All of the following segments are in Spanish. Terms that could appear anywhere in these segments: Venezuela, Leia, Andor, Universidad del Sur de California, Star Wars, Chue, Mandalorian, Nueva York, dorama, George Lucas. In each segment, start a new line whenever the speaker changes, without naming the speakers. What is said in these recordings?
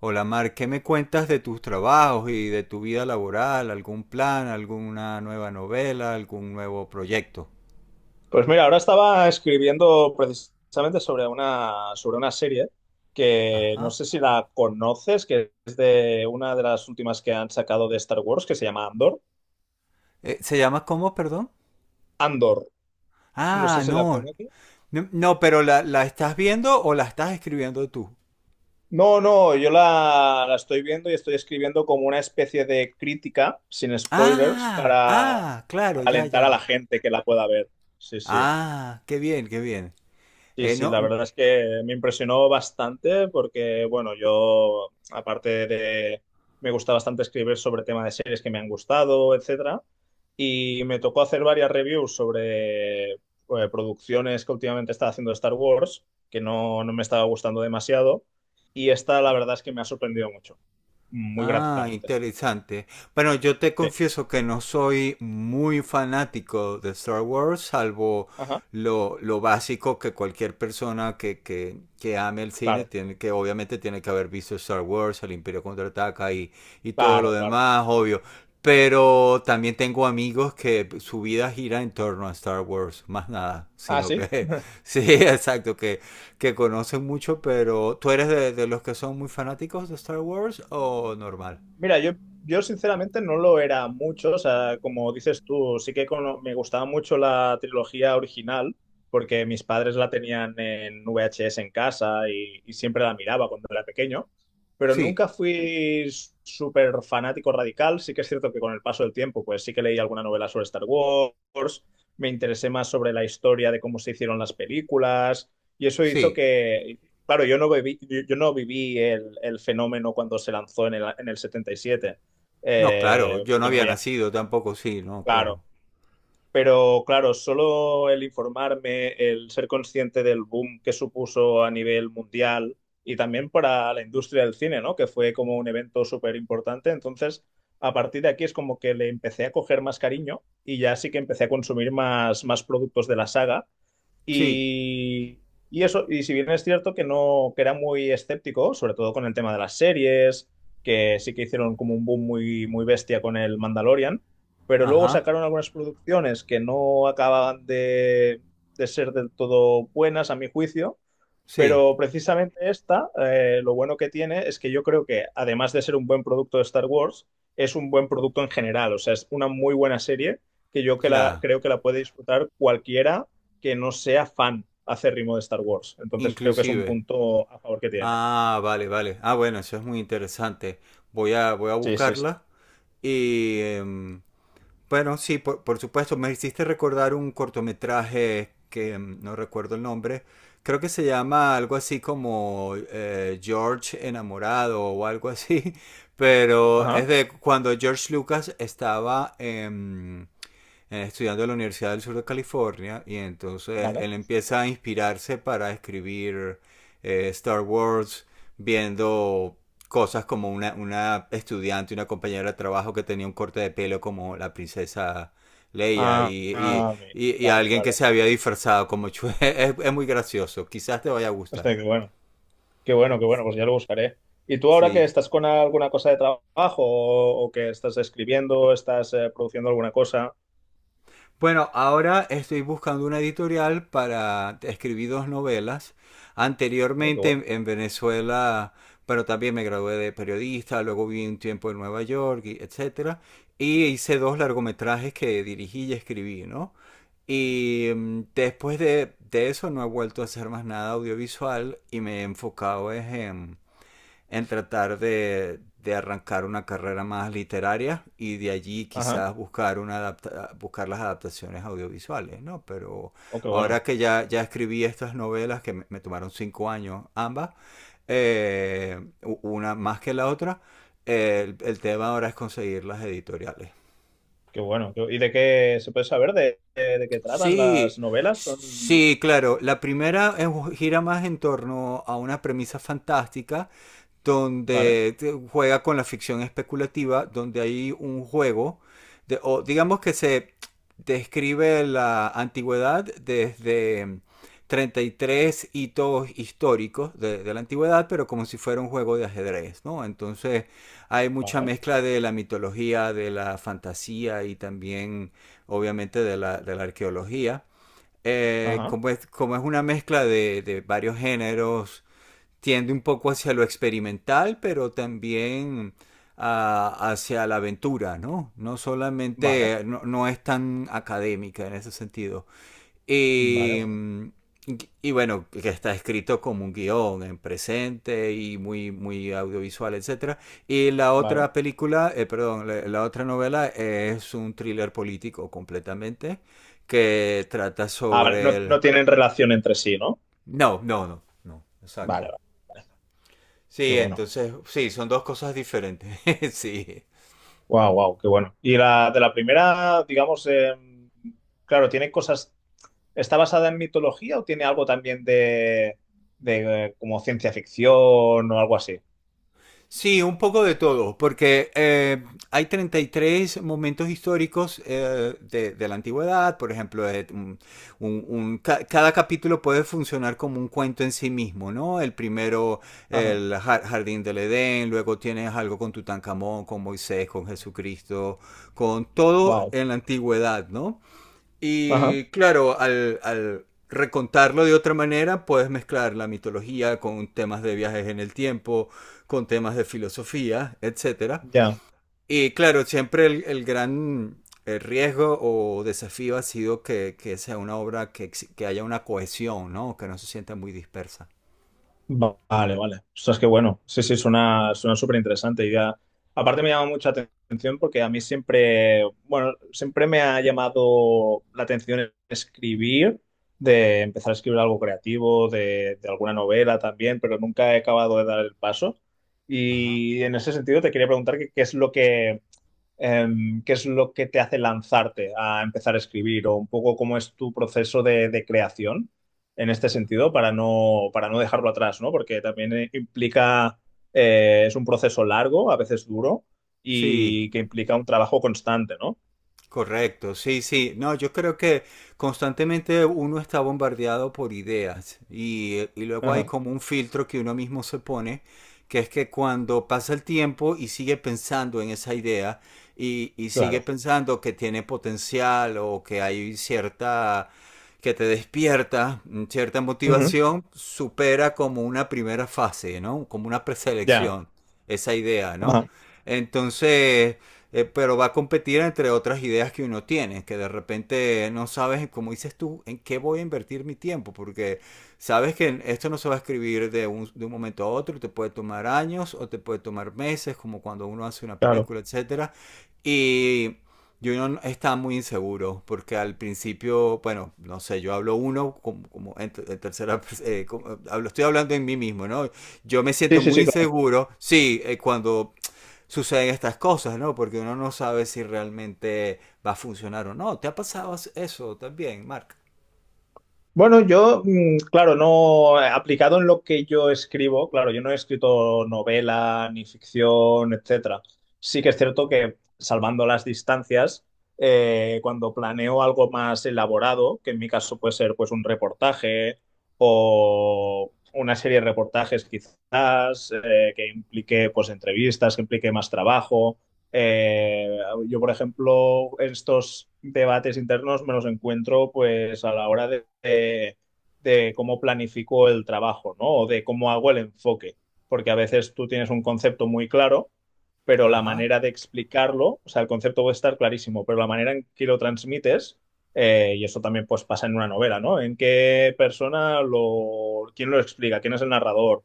Hola Mar, ¿qué me cuentas de tus trabajos y de tu vida laboral? ¿Algún plan, alguna nueva novela, algún nuevo proyecto?
Pues mira, ahora estaba escribiendo precisamente sobre una serie que no
Ajá.
sé si la conoces, que es de una de las últimas que han sacado de Star Wars, que se llama Andor.
¿Se llama cómo, perdón?
Andor, no sé
Ah,
si la
no.
conoces.
No, no, pero la estás viendo o la estás escribiendo tú.
No, no, yo la estoy viendo y estoy escribiendo como una especie de crítica, sin spoilers,
Ah, ah, claro,
para
ya,
alentar
ya,
a la
ya.
gente que la pueda ver. Sí, sí.
Ah, qué bien, qué bien.
Sí, sí,
No.
la verdad es que me impresionó bastante porque, bueno, yo, me gusta bastante escribir sobre temas de series que me han gustado, etcétera, y me tocó hacer varias reviews sobre producciones que últimamente estaba haciendo de Star Wars, que no me estaba gustando demasiado, y esta la verdad es que me ha sorprendido mucho, muy
Ah,
gratamente.
interesante. Bueno, yo te
Sí,
confieso que no soy muy fanático de Star Wars, salvo
ajá,
lo básico que cualquier persona que ame el cine
claro,
tiene que, obviamente, tiene que haber visto Star Wars, el Imperio Contraataca y todo lo
claro, claro.
demás, obvio. Pero también tengo amigos que su vida gira en torno a Star Wars, más nada,
Ah,
sino
sí.
que, sí, exacto, que conocen mucho, pero ¿tú eres de los que son muy fanáticos de Star Wars o normal?
Mira, yo sinceramente no lo era mucho, o sea, como dices tú, sí que me gustaba mucho la trilogía original, porque mis padres la tenían en VHS en casa y siempre la miraba cuando era pequeño, pero
Sí,
nunca fui súper fanático radical, sí que es cierto que con el paso del tiempo, pues sí que leí alguna novela sobre Star Wars, me interesé más sobre la historia de cómo se hicieron las películas, y eso hizo
sí.
que, claro, yo no viví el fenómeno cuando se lanzó en en el 77,
No, claro, yo no
porque no
había
había,
nacido tampoco, sí, no,
claro.
claro.
Pero claro, solo el informarme, el ser consciente del boom que supuso a nivel mundial y también para la industria del cine, ¿no? Que fue como un evento súper importante. Entonces, a partir de aquí es como que le empecé a coger más cariño y ya sí que empecé a consumir más, más productos de la saga.
Sí,
Y, y eso, y si bien es cierto que no, que era muy escéptico, sobre todo con el tema de las series, que sí que hicieron como un boom muy, muy bestia con el Mandalorian, pero luego
ajá,
sacaron algunas producciones que no acababan de ser del todo buenas, a mi juicio,
sí,
pero precisamente esta, lo bueno que tiene es que yo creo que, además de ser un buen producto de Star Wars, es un buen producto en general. O sea, es una muy buena serie que
ya,
creo que la puede disfrutar cualquiera que no sea fan acérrimo de Star Wars. Entonces creo que es un
inclusive.
punto a favor que tiene.
Ah, vale, vale. Ah, bueno, eso es muy interesante. Voy a
Sí, sí, sí.
buscarla y, bueno, sí, por supuesto, me hiciste recordar un cortometraje que no recuerdo el nombre, creo que se llama algo así como George enamorado o algo así, pero es
Ajá,
de cuando George Lucas estaba estudiando en la Universidad del Sur de California y entonces
vale.
él empieza a inspirarse para escribir Star Wars viendo cosas como una estudiante, una compañera de trabajo que tenía un corte de pelo como la princesa Leia
Ah, ah, bien.
y
Vale,
alguien que
vale.
se había disfrazado como Chue. Es muy gracioso, quizás te vaya a gustar.
Hostia, qué bueno. Qué bueno, qué bueno, pues ya lo buscaré. ¿Y tú ahora que
Sí,
estás con alguna cosa de trabajo o que estás escribiendo, estás produciendo alguna cosa?
bueno, ahora estoy buscando una editorial para escribir dos novelas.
Oh, qué
Anteriormente
bueno.
en Venezuela, pero también me gradué de periodista, luego viví un tiempo en Nueva York, y etcétera, y hice dos largometrajes que dirigí y escribí, ¿no? Y después de eso no he vuelto a hacer más nada audiovisual y me he enfocado es en tratar de arrancar una carrera más literaria y de allí
Ajá.
quizás buscar, una buscar las adaptaciones audiovisuales, ¿no? Pero
Oh, qué bueno.
ahora que ya, ya escribí estas novelas, que me tomaron 5 años ambas, eh, una más que la otra, el tema ahora es conseguir las editoriales.
Qué bueno. ¿Y de qué se puede saber de qué tratan
Sí,
las novelas? Son...
sí, claro. La primera gira más en torno a una premisa fantástica
Vale,
donde juega con la ficción especulativa, donde hay un juego, de, o digamos que se describe la antigüedad desde 33 hitos históricos la antigüedad, pero como si fuera un juego de ajedrez, ¿no? Entonces hay mucha
vale.
mezcla de la mitología, de la fantasía y también obviamente de de la arqueología.
Ajá.
Como es una mezcla de varios géneros, tiende un poco hacia lo experimental, pero también hacia la aventura, ¿no? No
Vale,
solamente, no, no es tan académica en ese sentido.
vale,
Y,
vale,
y bueno, que está escrito como un guión en presente y muy, muy audiovisual, etcétera. Y la
vale.
otra película, perdón, la otra novela es un thriller político completamente que trata
Ah, vale.
sobre
No,
el...
no tienen relación entre sí, ¿no?
No, no, no, no,
Vale,
exacto.
vale. Qué
Sí,
bueno.
entonces, sí, son dos cosas diferentes. Sí.
Wow, wow, qué bueno. Y la de la primera, digamos, claro, tiene cosas. ¿Está basada en mitología o tiene algo también de como ciencia ficción o algo así?
Sí, un poco de todo, porque hay 33 momentos históricos de la antigüedad, por ejemplo, cada capítulo puede funcionar como un cuento en sí mismo, ¿no? El primero,
Ajá.
el jardín del Edén, luego tienes algo con Tutankamón, con Moisés, con Jesucristo, con todo
Wow.
en la antigüedad, ¿no?
Ajá.
Y claro, al recontarlo de otra manera, puedes mezclar la mitología con temas de viajes en el tiempo, con temas de filosofía, etcétera.
Ya.
Y claro, siempre el gran el riesgo o desafío ha sido que sea una obra haya una cohesión, ¿no? Que no se sienta muy dispersa.
Vale, vale. Ostras, qué bueno. Sí, sí, suena súper interesante. Y ya, aparte me llama mucha atención porque a mí siempre, bueno, siempre me ha llamado la atención escribir, de empezar a escribir algo creativo, de alguna novela también, pero nunca he acabado de dar el paso.
Ajá.
Y en ese sentido te quería preguntar qué es lo que eh, ¿qué es lo que te hace lanzarte a empezar a escribir o un poco cómo es tu proceso de creación en este sentido para no dejarlo atrás, ¿no? Porque también implica, es un proceso largo, a veces duro
Sí,
y que implica un trabajo constante, ¿no?
correcto, sí, sí. No, yo creo que constantemente uno está bombardeado por ideas y luego hay
Ajá,
como un filtro que uno mismo se pone, que es que cuando pasa el tiempo y sigue pensando en esa idea y sigue
claro.
pensando que tiene potencial o que hay cierta, que te despierta cierta
Ujú.
motivación, supera como una primera fase, ¿no? Como una
Ya,
preselección, esa idea, ¿no?
ajá,
Entonces, pero va a competir entre otras ideas que uno tiene, que de repente no sabes, como dices tú, en qué voy a invertir mi tiempo, porque sabes que esto no se va a escribir de un momento a otro, te puede tomar años o te puede tomar meses, como cuando uno hace una
claro.
película, etcétera, y... yo no está muy inseguro, porque al principio, bueno, no sé, yo hablo uno como, en tercera, hablo, estoy hablando en mí mismo, ¿no? Yo me
Sí,
siento
sí,
muy
sí, claro.
inseguro, sí, cuando suceden estas cosas, ¿no? Porque uno no sabe si realmente va a funcionar o no. ¿Te ha pasado eso también, Mark?
Bueno, claro, no, aplicado en lo que yo escribo, claro, yo no he escrito novela ni ficción, etcétera. Sí que es cierto que, salvando las distancias, cuando planeo algo más elaborado, que en mi caso puede ser pues un reportaje o una serie de reportajes quizás, que implique pues entrevistas, que implique más trabajo, eh, yo, por ejemplo, estos debates internos me los encuentro pues a la hora de cómo planifico el trabajo, ¿no? O de cómo hago el enfoque, porque a veces tú tienes un concepto muy claro, pero la
Ajá.
manera de explicarlo, o sea, el concepto puede estar clarísimo, pero la manera en que lo transmites, y eso también pues pasa en una novela, ¿no? ¿En qué persona lo, quién lo explica? ¿Quién es el narrador?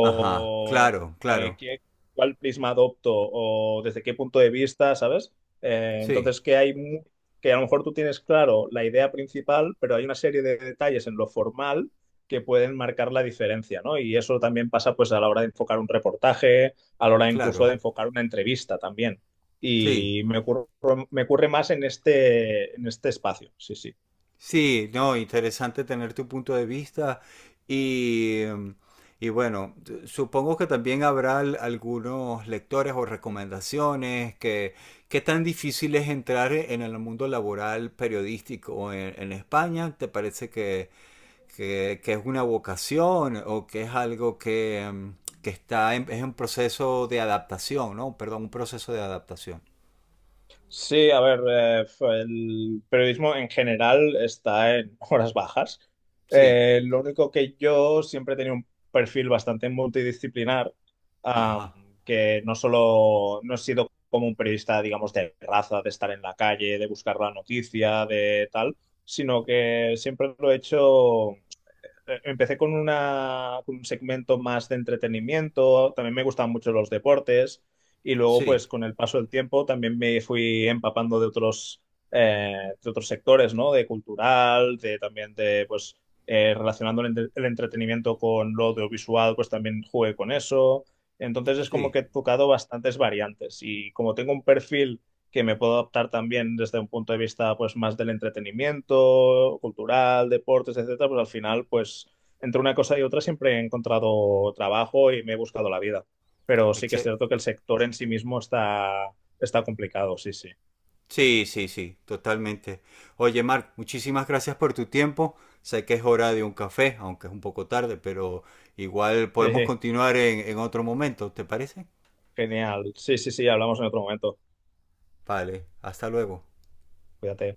Ajá,
O
claro,
eh,
claro.
qué, cuál prisma adopto o desde qué punto de vista, ¿sabes?
Sí,
Entonces, que a lo mejor tú tienes claro la idea principal, pero hay una serie de detalles en lo formal que pueden marcar la diferencia, ¿no? Y eso también pasa pues a la hora de enfocar un reportaje, a la hora incluso
claro.
de enfocar una entrevista también.
Sí,
Y me ocurre más en en este espacio, sí, sí.
sí, no, interesante tener tu punto de vista y, y bueno, supongo que también habrá algunos lectores o recomendaciones que qué tan difícil es entrar en el mundo laboral periodístico en España. ¿Te parece que, que es una vocación o que es algo que, que está en, es un proceso de adaptación, ¿no? Perdón, un proceso de adaptación.
Sí, a ver, el periodismo en general está en horas bajas.
Sí,
Lo único que yo siempre he tenido un perfil bastante multidisciplinar, am,
ajá,
que no solo no he sido como un periodista, digamos, de raza, de estar en la calle, de buscar la noticia, de tal, sino que siempre lo he hecho empecé con una, con un segmento más de entretenimiento, también me gustaban mucho los deportes y luego
sí,
pues con el paso del tiempo también me fui empapando de otros sectores, ¿no? De cultural, de también de pues relacionando el, el entretenimiento con lo audiovisual, pues también jugué con eso. Entonces es como
sí,
que he tocado bastantes variantes y como tengo un perfil que me puedo adaptar también desde un punto de vista pues más del entretenimiento, cultural, deportes, etcétera, pues al final pues entre una cosa y otra siempre he encontrado trabajo y me he buscado la vida. Pero sí que es
Exce-
cierto que el sector en sí mismo está, está complicado, sí, sí.
sí, sí, sí, totalmente. Oye, Marc, muchísimas gracias por tu tiempo. Sé que es hora de un café, aunque es un poco tarde, pero igual podemos continuar en otro momento, ¿te parece?
Genial. Sí, sí, sí, hablamos en otro momento.
Vale, hasta luego.
Cuídate.